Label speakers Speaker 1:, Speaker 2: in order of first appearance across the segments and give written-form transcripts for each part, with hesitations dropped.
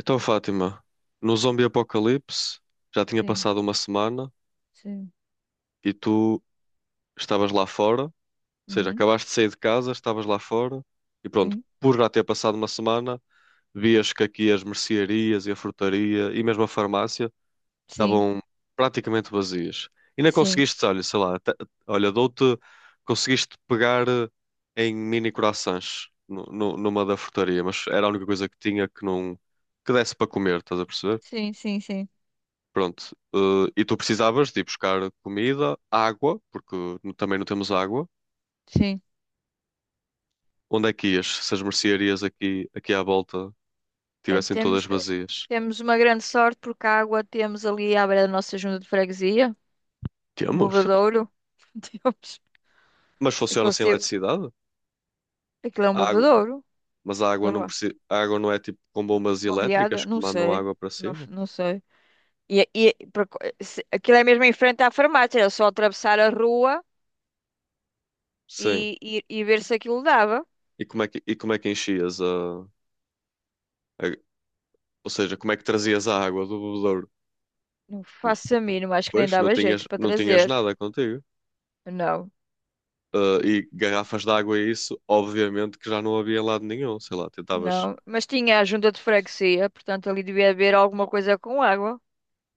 Speaker 1: Então, Fátima, no zombie apocalipse já tinha
Speaker 2: Sim,
Speaker 1: passado uma semana
Speaker 2: sim,
Speaker 1: e tu estavas lá fora, ou seja,
Speaker 2: uhum,
Speaker 1: acabaste de sair de casa, estavas lá fora e pronto,
Speaker 2: sim,
Speaker 1: por já ter passado uma semana, vias que aqui as mercearias e a frutaria e mesmo a farmácia
Speaker 2: sim,
Speaker 1: estavam praticamente vazias. E não
Speaker 2: sim,
Speaker 1: conseguiste, olha, sei lá, olha, dou-te, conseguiste pegar em mini croissants numa da frutaria, mas era a única coisa que tinha que não, que desse para comer, estás a perceber?
Speaker 2: sim, sim, sim,
Speaker 1: Pronto. E tu precisavas de ir buscar comida, água, porque também não temos água.
Speaker 2: sim.
Speaker 1: Onde é que ias? Se as mercearias aqui, aqui à volta
Speaker 2: Bem,
Speaker 1: tivessem todas
Speaker 2: temos, eh,
Speaker 1: vazias?
Speaker 2: temos uma grande sorte porque a água temos ali à beira da nossa junta de freguesia, um
Speaker 1: Temos, temos.
Speaker 2: bebedouro. Temos.
Speaker 1: Mas funciona
Speaker 2: Aquilo,
Speaker 1: sem
Speaker 2: se-
Speaker 1: eletricidade?
Speaker 2: aquilo é um
Speaker 1: A água,
Speaker 2: bebedouro,
Speaker 1: mas a água
Speaker 2: sei
Speaker 1: não
Speaker 2: lá,
Speaker 1: precisa, a água não é tipo com bombas
Speaker 2: bombeada,
Speaker 1: elétricas que
Speaker 2: não
Speaker 1: mandam
Speaker 2: sei,
Speaker 1: água para
Speaker 2: não,
Speaker 1: cima?
Speaker 2: não sei. E por co- se- aquilo é mesmo em frente à farmácia, era só atravessar a rua
Speaker 1: Sim.
Speaker 2: e ver se aquilo dava.
Speaker 1: E como é que, e como é que enchias ou seja, como é que trazias a água do bebedouro?
Speaker 2: Não faço a mínima, acho que nem
Speaker 1: Pois, não
Speaker 2: dava
Speaker 1: tinhas,
Speaker 2: jeito para
Speaker 1: não tinhas
Speaker 2: trazer.
Speaker 1: nada contigo.
Speaker 2: Não.
Speaker 1: E garrafas de água e isso, obviamente que já não havia em lado nenhum. Sei lá, tentavas.
Speaker 2: Não, mas tinha a junta de freguesia, portanto ali devia haver alguma coisa com água.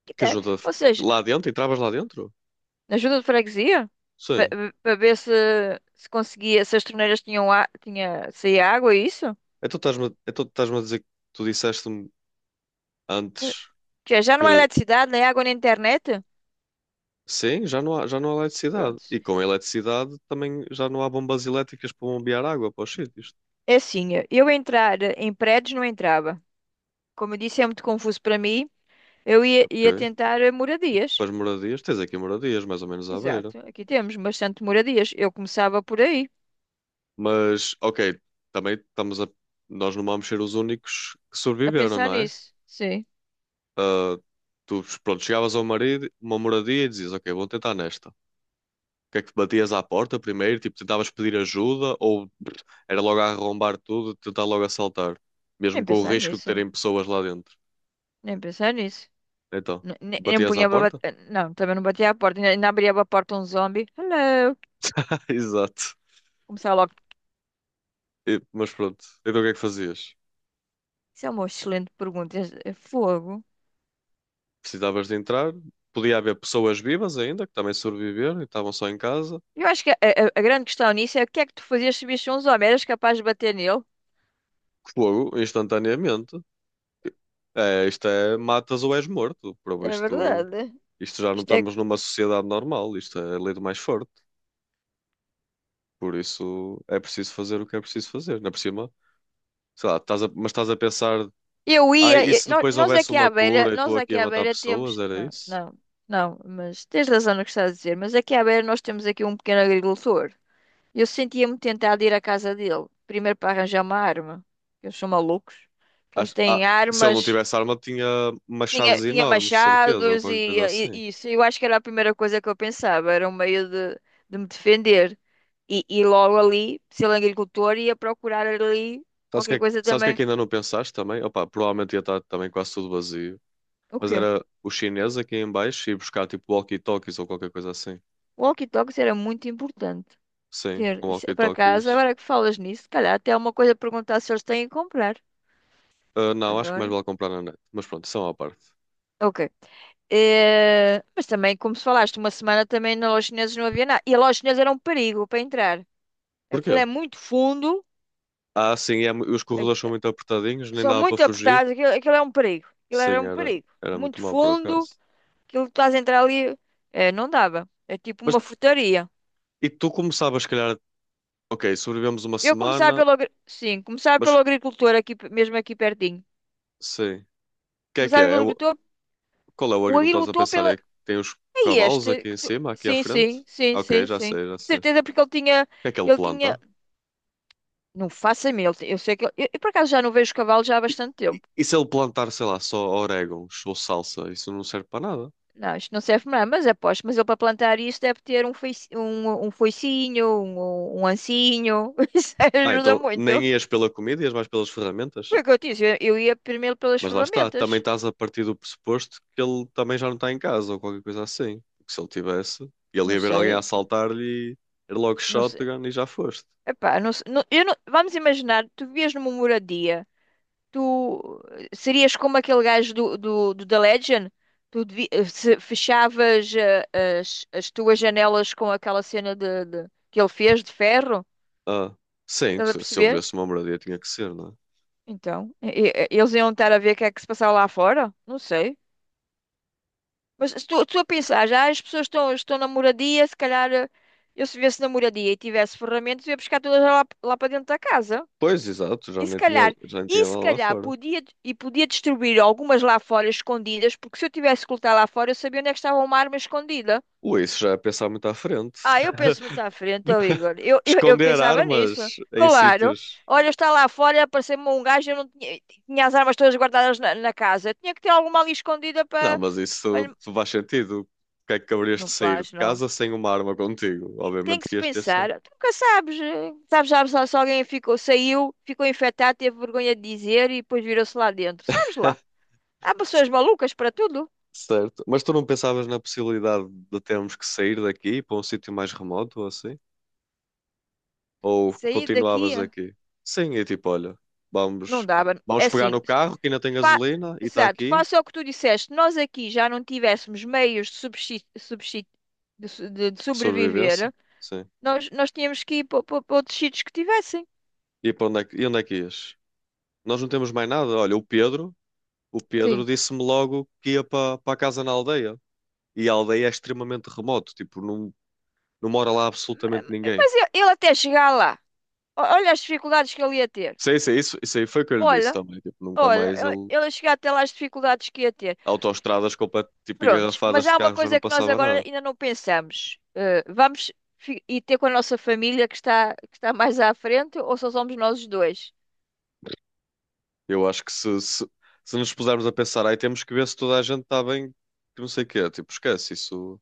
Speaker 2: Que
Speaker 1: Que
Speaker 2: tal?
Speaker 1: ajuda?
Speaker 2: Ou seja,
Speaker 1: Lá dentro? Entravas lá dentro?
Speaker 2: na junta de freguesia,
Speaker 1: Sim.
Speaker 2: para ver se conseguia, se as torneiras tinha, saía água, é isso?
Speaker 1: Então estás-me a dizer que tu disseste-me
Speaker 2: Eh,
Speaker 1: antes
Speaker 2: já não há
Speaker 1: que
Speaker 2: eletricidade, nem água, nem internet?
Speaker 1: sim, já não há eletricidade.
Speaker 2: Pronto.
Speaker 1: E com a eletricidade também já não há bombas elétricas para bombear água para os sítios.
Speaker 2: É assim, eu entrar em prédios não entrava. Como eu disse, é muito confuso para mim. Eu ia
Speaker 1: Ok.
Speaker 2: tentar moradias.
Speaker 1: Para as moradias, tens aqui moradias, mais ou menos à beira.
Speaker 2: Exato, aqui temos bastante moradias. Eu começava por aí,
Speaker 1: Mas, ok, também estamos a. Nós não vamos ser os únicos que
Speaker 2: a
Speaker 1: sobreviveram,
Speaker 2: pensar
Speaker 1: não é?
Speaker 2: nisso. Sim,
Speaker 1: ah, Tu, pronto, chegavas a uma moradia e dizias, ok, vou tentar nesta. O que é que batias à porta primeiro? Tipo, tentavas pedir ajuda ou pff, era logo a arrombar tudo, tentar logo assaltar, mesmo
Speaker 2: nem
Speaker 1: com o
Speaker 2: pensar
Speaker 1: risco de
Speaker 2: nisso.
Speaker 1: terem pessoas lá dentro.
Speaker 2: Nem pensar nisso.
Speaker 1: Então,
Speaker 2: Nem
Speaker 1: batias à
Speaker 2: punha para.
Speaker 1: porta?
Speaker 2: Não, também não batia à porta. Ainda abria a porta um zombie. Hello!
Speaker 1: Exato.
Speaker 2: Começava logo.
Speaker 1: Mas pronto, então o que é que fazias?
Speaker 2: Isso é uma excelente pergunta. É fogo.
Speaker 1: Precisavas de entrar, podia haver pessoas vivas ainda, que também sobreviveram e estavam só em casa.
Speaker 2: Eu acho que a grande questão nisso é o que é que tu fazias se visse um zombie? Eras capaz de bater nele?
Speaker 1: Fogo, instantaneamente. É, isto é, matas ou és morto, por
Speaker 2: É
Speaker 1: isto.
Speaker 2: verdade.
Speaker 1: Isto já não
Speaker 2: Isto é que.
Speaker 1: estamos numa sociedade normal, isto é a lei do mais forte. Por isso é preciso fazer o que é preciso fazer. Ainda por cima, sei lá, mas estás a pensar,
Speaker 2: Eu
Speaker 1: ai,
Speaker 2: ia.
Speaker 1: e
Speaker 2: eu-
Speaker 1: se
Speaker 2: nó-
Speaker 1: depois
Speaker 2: nós,
Speaker 1: houvesse
Speaker 2: aqui
Speaker 1: uma
Speaker 2: à beira.
Speaker 1: cura e
Speaker 2: Nós
Speaker 1: estou aqui
Speaker 2: aqui
Speaker 1: a
Speaker 2: à
Speaker 1: matar
Speaker 2: beira
Speaker 1: pessoas?
Speaker 2: temos.
Speaker 1: Era
Speaker 2: Não,
Speaker 1: isso?
Speaker 2: não, não. Mas tens razão no que estás a dizer. Mas aqui à beira nós temos aqui um pequeno agricultor. Eu sentia-me tentada a ir à casa dele. Primeiro para arranjar uma arma. Eles são malucos. Eles
Speaker 1: Acho- ah,
Speaker 2: têm
Speaker 1: Se ele não
Speaker 2: armas,
Speaker 1: tivesse arma, tinha
Speaker 2: tinha,
Speaker 1: machados
Speaker 2: tinha
Speaker 1: enormes, certeza, ou
Speaker 2: machados
Speaker 1: qualquer
Speaker 2: e,
Speaker 1: coisa
Speaker 2: e-
Speaker 1: assim.
Speaker 2: e isso. Eu acho que era a primeira coisa que eu pensava. Era um meio de me defender. E logo ali, se ele é agricultor, ia procurar ali
Speaker 1: Sabes o que
Speaker 2: qualquer
Speaker 1: é que,
Speaker 2: coisa
Speaker 1: sabes o que é
Speaker 2: também.
Speaker 1: que ainda não pensaste também? Opa, provavelmente ia estar também quase tudo vazio.
Speaker 2: O
Speaker 1: Mas
Speaker 2: quê?
Speaker 1: era o chinês aqui em baixo e buscar tipo walkie-talkies ou qualquer coisa assim.
Speaker 2: Walkie-talkies era muito importante
Speaker 1: Sim,
Speaker 2: ter.
Speaker 1: um
Speaker 2: Isso, por acaso,
Speaker 1: walkie-talkies.
Speaker 2: agora que falas nisso, se calhar até há uma coisa a perguntar se eles têm a comprar.
Speaker 1: Ah, não, acho que mais
Speaker 2: Agora.
Speaker 1: vale comprar na net. Mas pronto, são à parte.
Speaker 2: Ok. Mas também, como se falaste, uma semana também na loja chinesa não havia nada. E a loja chinesa era um perigo para entrar.
Speaker 1: Porquê?
Speaker 2: Aquilo é muito fundo,
Speaker 1: Ah, sim, é os corredores
Speaker 2: aqui-
Speaker 1: são muito apertadinhos, nem
Speaker 2: são
Speaker 1: dava para
Speaker 2: muito
Speaker 1: fugir.
Speaker 2: apertados, aquilo é um perigo. Aquilo era
Speaker 1: Sim,
Speaker 2: um
Speaker 1: era,
Speaker 2: perigo.
Speaker 1: era muito
Speaker 2: Muito
Speaker 1: mau por
Speaker 2: fundo,
Speaker 1: acaso.
Speaker 2: aquilo que estás a entrar ali, não dava. É tipo
Speaker 1: Mas
Speaker 2: uma frutaria.
Speaker 1: e tu começavas, se calhar, ok, sobrevivemos uma
Speaker 2: Eu começava
Speaker 1: semana,
Speaker 2: sim, começava pelo
Speaker 1: mas
Speaker 2: agricultor, aqui, mesmo aqui pertinho.
Speaker 1: sim. O que é que
Speaker 2: Começava
Speaker 1: é?
Speaker 2: pelo agricultor,
Speaker 1: Qual é o
Speaker 2: o
Speaker 1: agricultor que estás a
Speaker 2: agricultor
Speaker 1: pensar? É
Speaker 2: pela.
Speaker 1: que tem os
Speaker 2: É
Speaker 1: cavalos
Speaker 2: este?
Speaker 1: aqui em cima, aqui à
Speaker 2: Sim,
Speaker 1: frente?
Speaker 2: sim, sim,
Speaker 1: Ok,
Speaker 2: sim,
Speaker 1: já
Speaker 2: sim.
Speaker 1: sei, já sei. O
Speaker 2: Certeza, porque ele tinha.
Speaker 1: que é que ele
Speaker 2: Ele tinha.
Speaker 1: planta?
Speaker 2: Não faço a mim. Eu sei que eu, por acaso já não vejo cavalo já há
Speaker 1: E,
Speaker 2: bastante tempo.
Speaker 1: e se ele plantar, sei lá, só orégãos ou salsa, isso não serve para nada.
Speaker 2: Não, isto não serve para nada, mas aposto. Mas ele para plantar isto deve ter foice, um foicinho, um ancinho. Isso
Speaker 1: Ah,
Speaker 2: ajuda
Speaker 1: então
Speaker 2: muito.
Speaker 1: nem ias pela comida, ias mais pelas ferramentas?
Speaker 2: Foi o que eu disse. Eu ia primeiro pelas
Speaker 1: Mas lá está,
Speaker 2: ferramentas.
Speaker 1: também estás a partir do pressuposto que ele também já não está em casa ou qualquer coisa assim. Porque se ele tivesse, ele
Speaker 2: Não
Speaker 1: ia ver alguém a
Speaker 2: sei,
Speaker 1: assaltar-lhe e era logo
Speaker 2: não sei.
Speaker 1: shotgun e já foste.
Speaker 2: Epá, não, se- não- eu não- vamos imaginar, tu vivias numa moradia. Tu serias como aquele gajo do The Legend? Se fechavas as tuas janelas com aquela cena que ele fez de ferro?
Speaker 1: Ah, sim,
Speaker 2: Estás a
Speaker 1: se eu
Speaker 2: perceber?
Speaker 1: vivesse uma moradia tinha que ser, não é?
Speaker 2: Então, eles iam estar a ver o que é que se passava lá fora? Não sei. Mas se tu a pensares, ah, as pessoas estão na moradia, se calhar, eu se viesse na moradia e tivesse ferramentas, eu ia buscar todas lá, para dentro da casa.
Speaker 1: Pois, exato,
Speaker 2: E se calhar,
Speaker 1: já nem
Speaker 2: e
Speaker 1: tinha
Speaker 2: se
Speaker 1: lá lá
Speaker 2: calhar
Speaker 1: fora.
Speaker 2: podia, e podia distribuir algumas lá fora escondidas, porque se eu tivesse que lutar lá fora, eu sabia onde é que estava uma arma escondida.
Speaker 1: Ui, isso já é pensar muito à frente.
Speaker 2: Ah, eu penso muito à frente, ó Igor. Eu
Speaker 1: Esconder
Speaker 2: pensava nisso.
Speaker 1: armas em
Speaker 2: Claro.
Speaker 1: sítios.
Speaker 2: Olha, está lá fora, apareceu-me um gajo, eu não tinha, tinha as armas todas guardadas na casa. Eu tinha que ter alguma ali escondida
Speaker 1: Não,
Speaker 2: para.
Speaker 1: mas
Speaker 2: Para
Speaker 1: isso
Speaker 2: lhe-.
Speaker 1: tu faz sentido. Porque é que haverias de
Speaker 2: Não
Speaker 1: sair de
Speaker 2: faz, não.
Speaker 1: casa sem uma arma contigo?
Speaker 2: Tem
Speaker 1: Obviamente
Speaker 2: que
Speaker 1: que
Speaker 2: se
Speaker 1: ias ter sempre.
Speaker 2: pensar. Tu nunca sabes. Sabes lá se alguém ficou, saiu, ficou infectado, teve vergonha de dizer e depois virou-se lá dentro. Sabes lá. Há pessoas malucas para tudo.
Speaker 1: Certo. Mas tu não pensavas na possibilidade de termos que sair daqui para um sítio mais remoto ou assim? Ou
Speaker 2: Sair daqui,
Speaker 1: continuavas aqui? Sim, e tipo, olha,
Speaker 2: não
Speaker 1: vamos,
Speaker 2: dava. É
Speaker 1: vamos pegar
Speaker 2: assim,
Speaker 1: no carro que ainda tem
Speaker 2: fa-
Speaker 1: gasolina e está
Speaker 2: exato,
Speaker 1: aqui,
Speaker 2: faça o que tu disseste. Nós aqui já não tivéssemos meios de, subsi- subsi- de su- de
Speaker 1: sobrevivência.
Speaker 2: sobreviver,
Speaker 1: Sim.
Speaker 2: nós tínhamos que ir para outros sítios que tivessem.
Speaker 1: E para onde é que, e onde é que ias? Nós não temos mais nada. Olha, o Pedro
Speaker 2: Sim.
Speaker 1: disse-me logo que ia para, para a casa na aldeia. E a aldeia é extremamente remoto, tipo, não, não mora lá
Speaker 2: Ma-
Speaker 1: absolutamente
Speaker 2: ma-
Speaker 1: ninguém.
Speaker 2: Mas ele até chegar lá, olha as dificuldades que ele ia ter.
Speaker 1: Sim, sim, isso aí foi o que eu lhe disse
Speaker 2: Olha,
Speaker 1: também. Tipo, nunca
Speaker 2: olha,
Speaker 1: mais
Speaker 2: ele
Speaker 1: ele
Speaker 2: ele a chegar até lá as dificuldades que ia ter.
Speaker 1: autoestradas tipo
Speaker 2: Prontos,
Speaker 1: engarrafadas
Speaker 2: mas
Speaker 1: de
Speaker 2: há uma
Speaker 1: carros já não
Speaker 2: coisa que nós
Speaker 1: passava
Speaker 2: agora
Speaker 1: nada.
Speaker 2: ainda não pensamos. Vamos ir ter com a nossa família que está mais à frente ou só somos nós os dois?
Speaker 1: Eu acho que se nos pusermos a pensar, aí temos que ver se toda a gente está bem, que não sei o quê, tipo, esquece isso.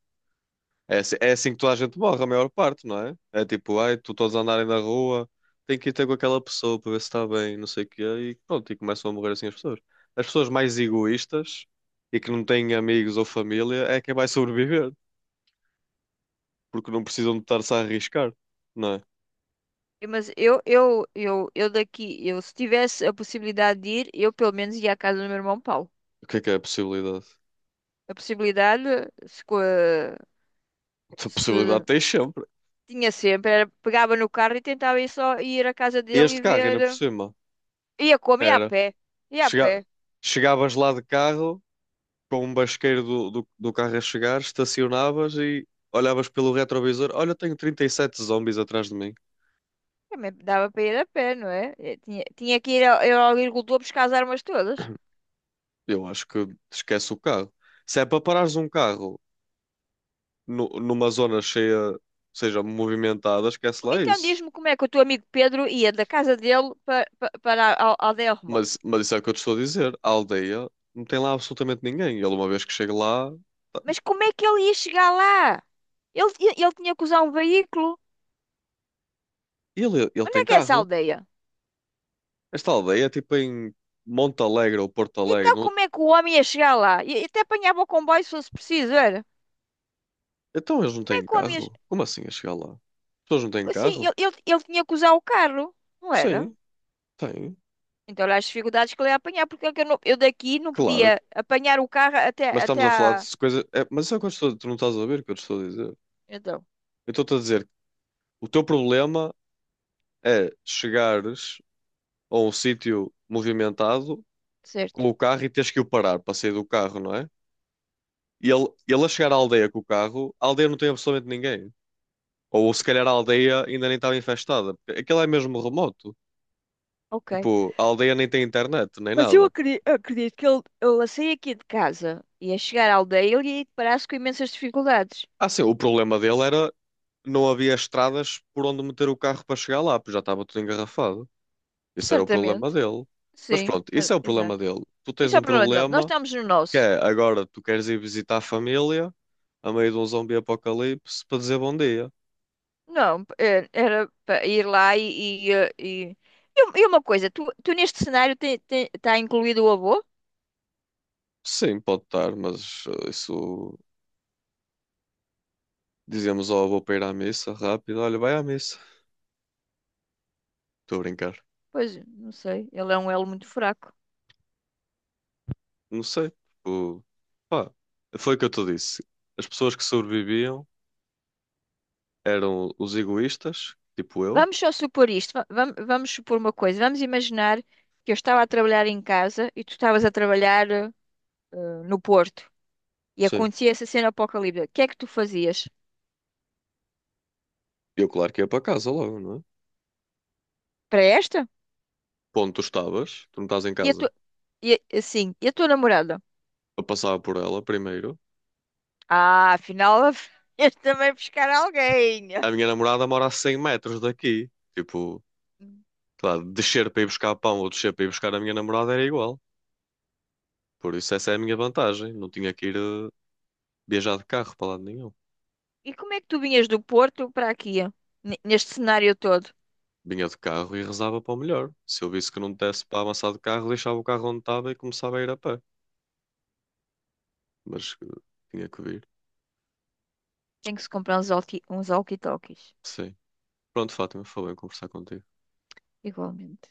Speaker 1: É assim que toda a gente morre, a maior parte, não é? É tipo, ai, tu todos a andarem na rua, tem que ir ter com aquela pessoa para ver se está bem, não sei o quê, e pronto, e começam a morrer assim as pessoas. As pessoas mais egoístas e que não têm amigos ou família é quem vai sobreviver, porque não precisam de estar-se a arriscar, não é?
Speaker 2: Mas eu daqui, eu se tivesse a possibilidade de ir, eu pelo menos ia à casa do meu irmão Paulo.
Speaker 1: O que é a possibilidade?
Speaker 2: A possibilidade, se, co-
Speaker 1: A possibilidade
Speaker 2: se
Speaker 1: tens sempre.
Speaker 2: tinha sempre, era, pegava no carro e tentava ir, só ir à casa dele
Speaker 1: Este
Speaker 2: e
Speaker 1: carro, ainda
Speaker 2: ver.
Speaker 1: por cima,
Speaker 2: Ia como? Ia a
Speaker 1: era.
Speaker 2: pé. Ia a pé.
Speaker 1: Chega- Chegavas lá de carro, com um basqueiro do carro a chegar, estacionavas e olhavas pelo retrovisor: olha, tenho 37 zombies atrás de mim.
Speaker 2: Também dava para ir a pé, não é? Tinha que ir ao agricultor buscar as armas todas.
Speaker 1: Eu acho que esquece o carro. Se é para parares um carro numa zona cheia, seja movimentada, esquece lá
Speaker 2: Então
Speaker 1: isso.
Speaker 2: diz-me como é que o teu amigo Pedro ia da casa dele para, para a aldeia remota.
Speaker 1: Mas isso é o que eu te estou a dizer: a aldeia não tem lá absolutamente ninguém. Ele, uma vez que chega lá, tá-
Speaker 2: Mas como é que ele ia chegar lá? Ele tinha que usar um veículo.
Speaker 1: ele, ele
Speaker 2: Onde
Speaker 1: tem
Speaker 2: é que é essa
Speaker 1: carro.
Speaker 2: aldeia?
Speaker 1: Esta aldeia é tipo em Monte Alegre ou Porto
Speaker 2: Então
Speaker 1: Alegre.
Speaker 2: como é que o homem ia chegar lá? E até apanhava o comboio se fosse preciso, era?
Speaker 1: Então eles não
Speaker 2: Como é
Speaker 1: têm
Speaker 2: que o homem ia...
Speaker 1: carro? Como assim a chegar lá? As pessoas não têm
Speaker 2: Assim,
Speaker 1: carro?
Speaker 2: ele tinha que usar o carro, não era?
Speaker 1: Sim, têm.
Speaker 2: Então olha as dificuldades que ele ia apanhar, porque é que eu, eu daqui não
Speaker 1: Claro.
Speaker 2: podia apanhar o carro até,
Speaker 1: Mas estamos
Speaker 2: até
Speaker 1: a falar de
Speaker 2: à...
Speaker 1: coisas. É, mas isso é o que eu estou... tu não estás a ver o que eu te estou a dizer.
Speaker 2: Então,
Speaker 1: Eu estou-te a dizer que o teu problema é chegares a um sítio movimentado
Speaker 2: certo.
Speaker 1: com o carro e teres que o parar para sair do carro, não é? E ele a chegar à aldeia com o carro, a aldeia não tem absolutamente ninguém. Ou se calhar a aldeia ainda nem estava infestada. Porque aquilo é mesmo remoto.
Speaker 2: Ok.
Speaker 1: Tipo, a aldeia nem tem internet, nem
Speaker 2: Mas eu
Speaker 1: nada.
Speaker 2: acredito que ele, a sair aqui de casa e a chegar à aldeia, ele ia deparar-se com imensas dificuldades.
Speaker 1: Ah, sim, o problema dele era não havia estradas por onde meter o carro para chegar lá, porque já estava tudo engarrafado. Isso era o problema
Speaker 2: Certamente.
Speaker 1: dele. Mas
Speaker 2: Sim,
Speaker 1: pronto, isso é o problema
Speaker 2: exato.
Speaker 1: dele. Tu tens
Speaker 2: Isso é o
Speaker 1: um
Speaker 2: problema dele. Nós
Speaker 1: problema
Speaker 2: estamos no
Speaker 1: que
Speaker 2: nosso.
Speaker 1: é agora tu queres ir visitar a família a meio de um zombi apocalipse para dizer bom dia.
Speaker 2: Não, era para ir lá. Uma coisa, tu neste cenário está incluído o avô?
Speaker 1: Sim, pode estar, mas isso dizemos, ao vou para ir à missa rápido. Olha, vai à missa. Estou a brincar.
Speaker 2: Pois, não sei, ele é um elo muito fraco.
Speaker 1: Não sei, tipo, pá, foi o que eu te disse. As pessoas que sobreviviam eram os egoístas, tipo eu.
Speaker 2: Vamos só supor isto, supor uma coisa. Vamos imaginar que eu estava a trabalhar em casa e tu estavas a trabalhar no Porto. E
Speaker 1: Sim.
Speaker 2: acontecia essa cena apocalíptica, o que é que tu fazias?
Speaker 1: Eu, claro que ia para casa logo, não é?
Speaker 2: Para esta?
Speaker 1: Ponto, tu estavas, tu não estás em
Speaker 2: E a
Speaker 1: casa.
Speaker 2: tua, e a tua namorada?
Speaker 1: Eu passava por ela primeiro.
Speaker 2: Ah, afinal, ias também buscar alguém.
Speaker 1: A minha namorada mora a 100 metros daqui. Tipo, sei lá, descer para ir buscar pão ou descer para ir buscar a minha namorada era igual. Por isso essa é a minha vantagem. Não tinha que ir viajar de carro para lado nenhum.
Speaker 2: E como é que tu vinhas do Porto para aqui, neste cenário todo?
Speaker 1: Vinha de carro e rezava para o melhor. Se eu visse que não desse para avançar de carro, deixava o carro onde estava e começava a ir a pé. Mas tinha que vir.
Speaker 2: Tem que se comprar uns walkie-talkies,
Speaker 1: Sim. Pronto, Fátima, foi bem conversar contigo.
Speaker 2: igualmente.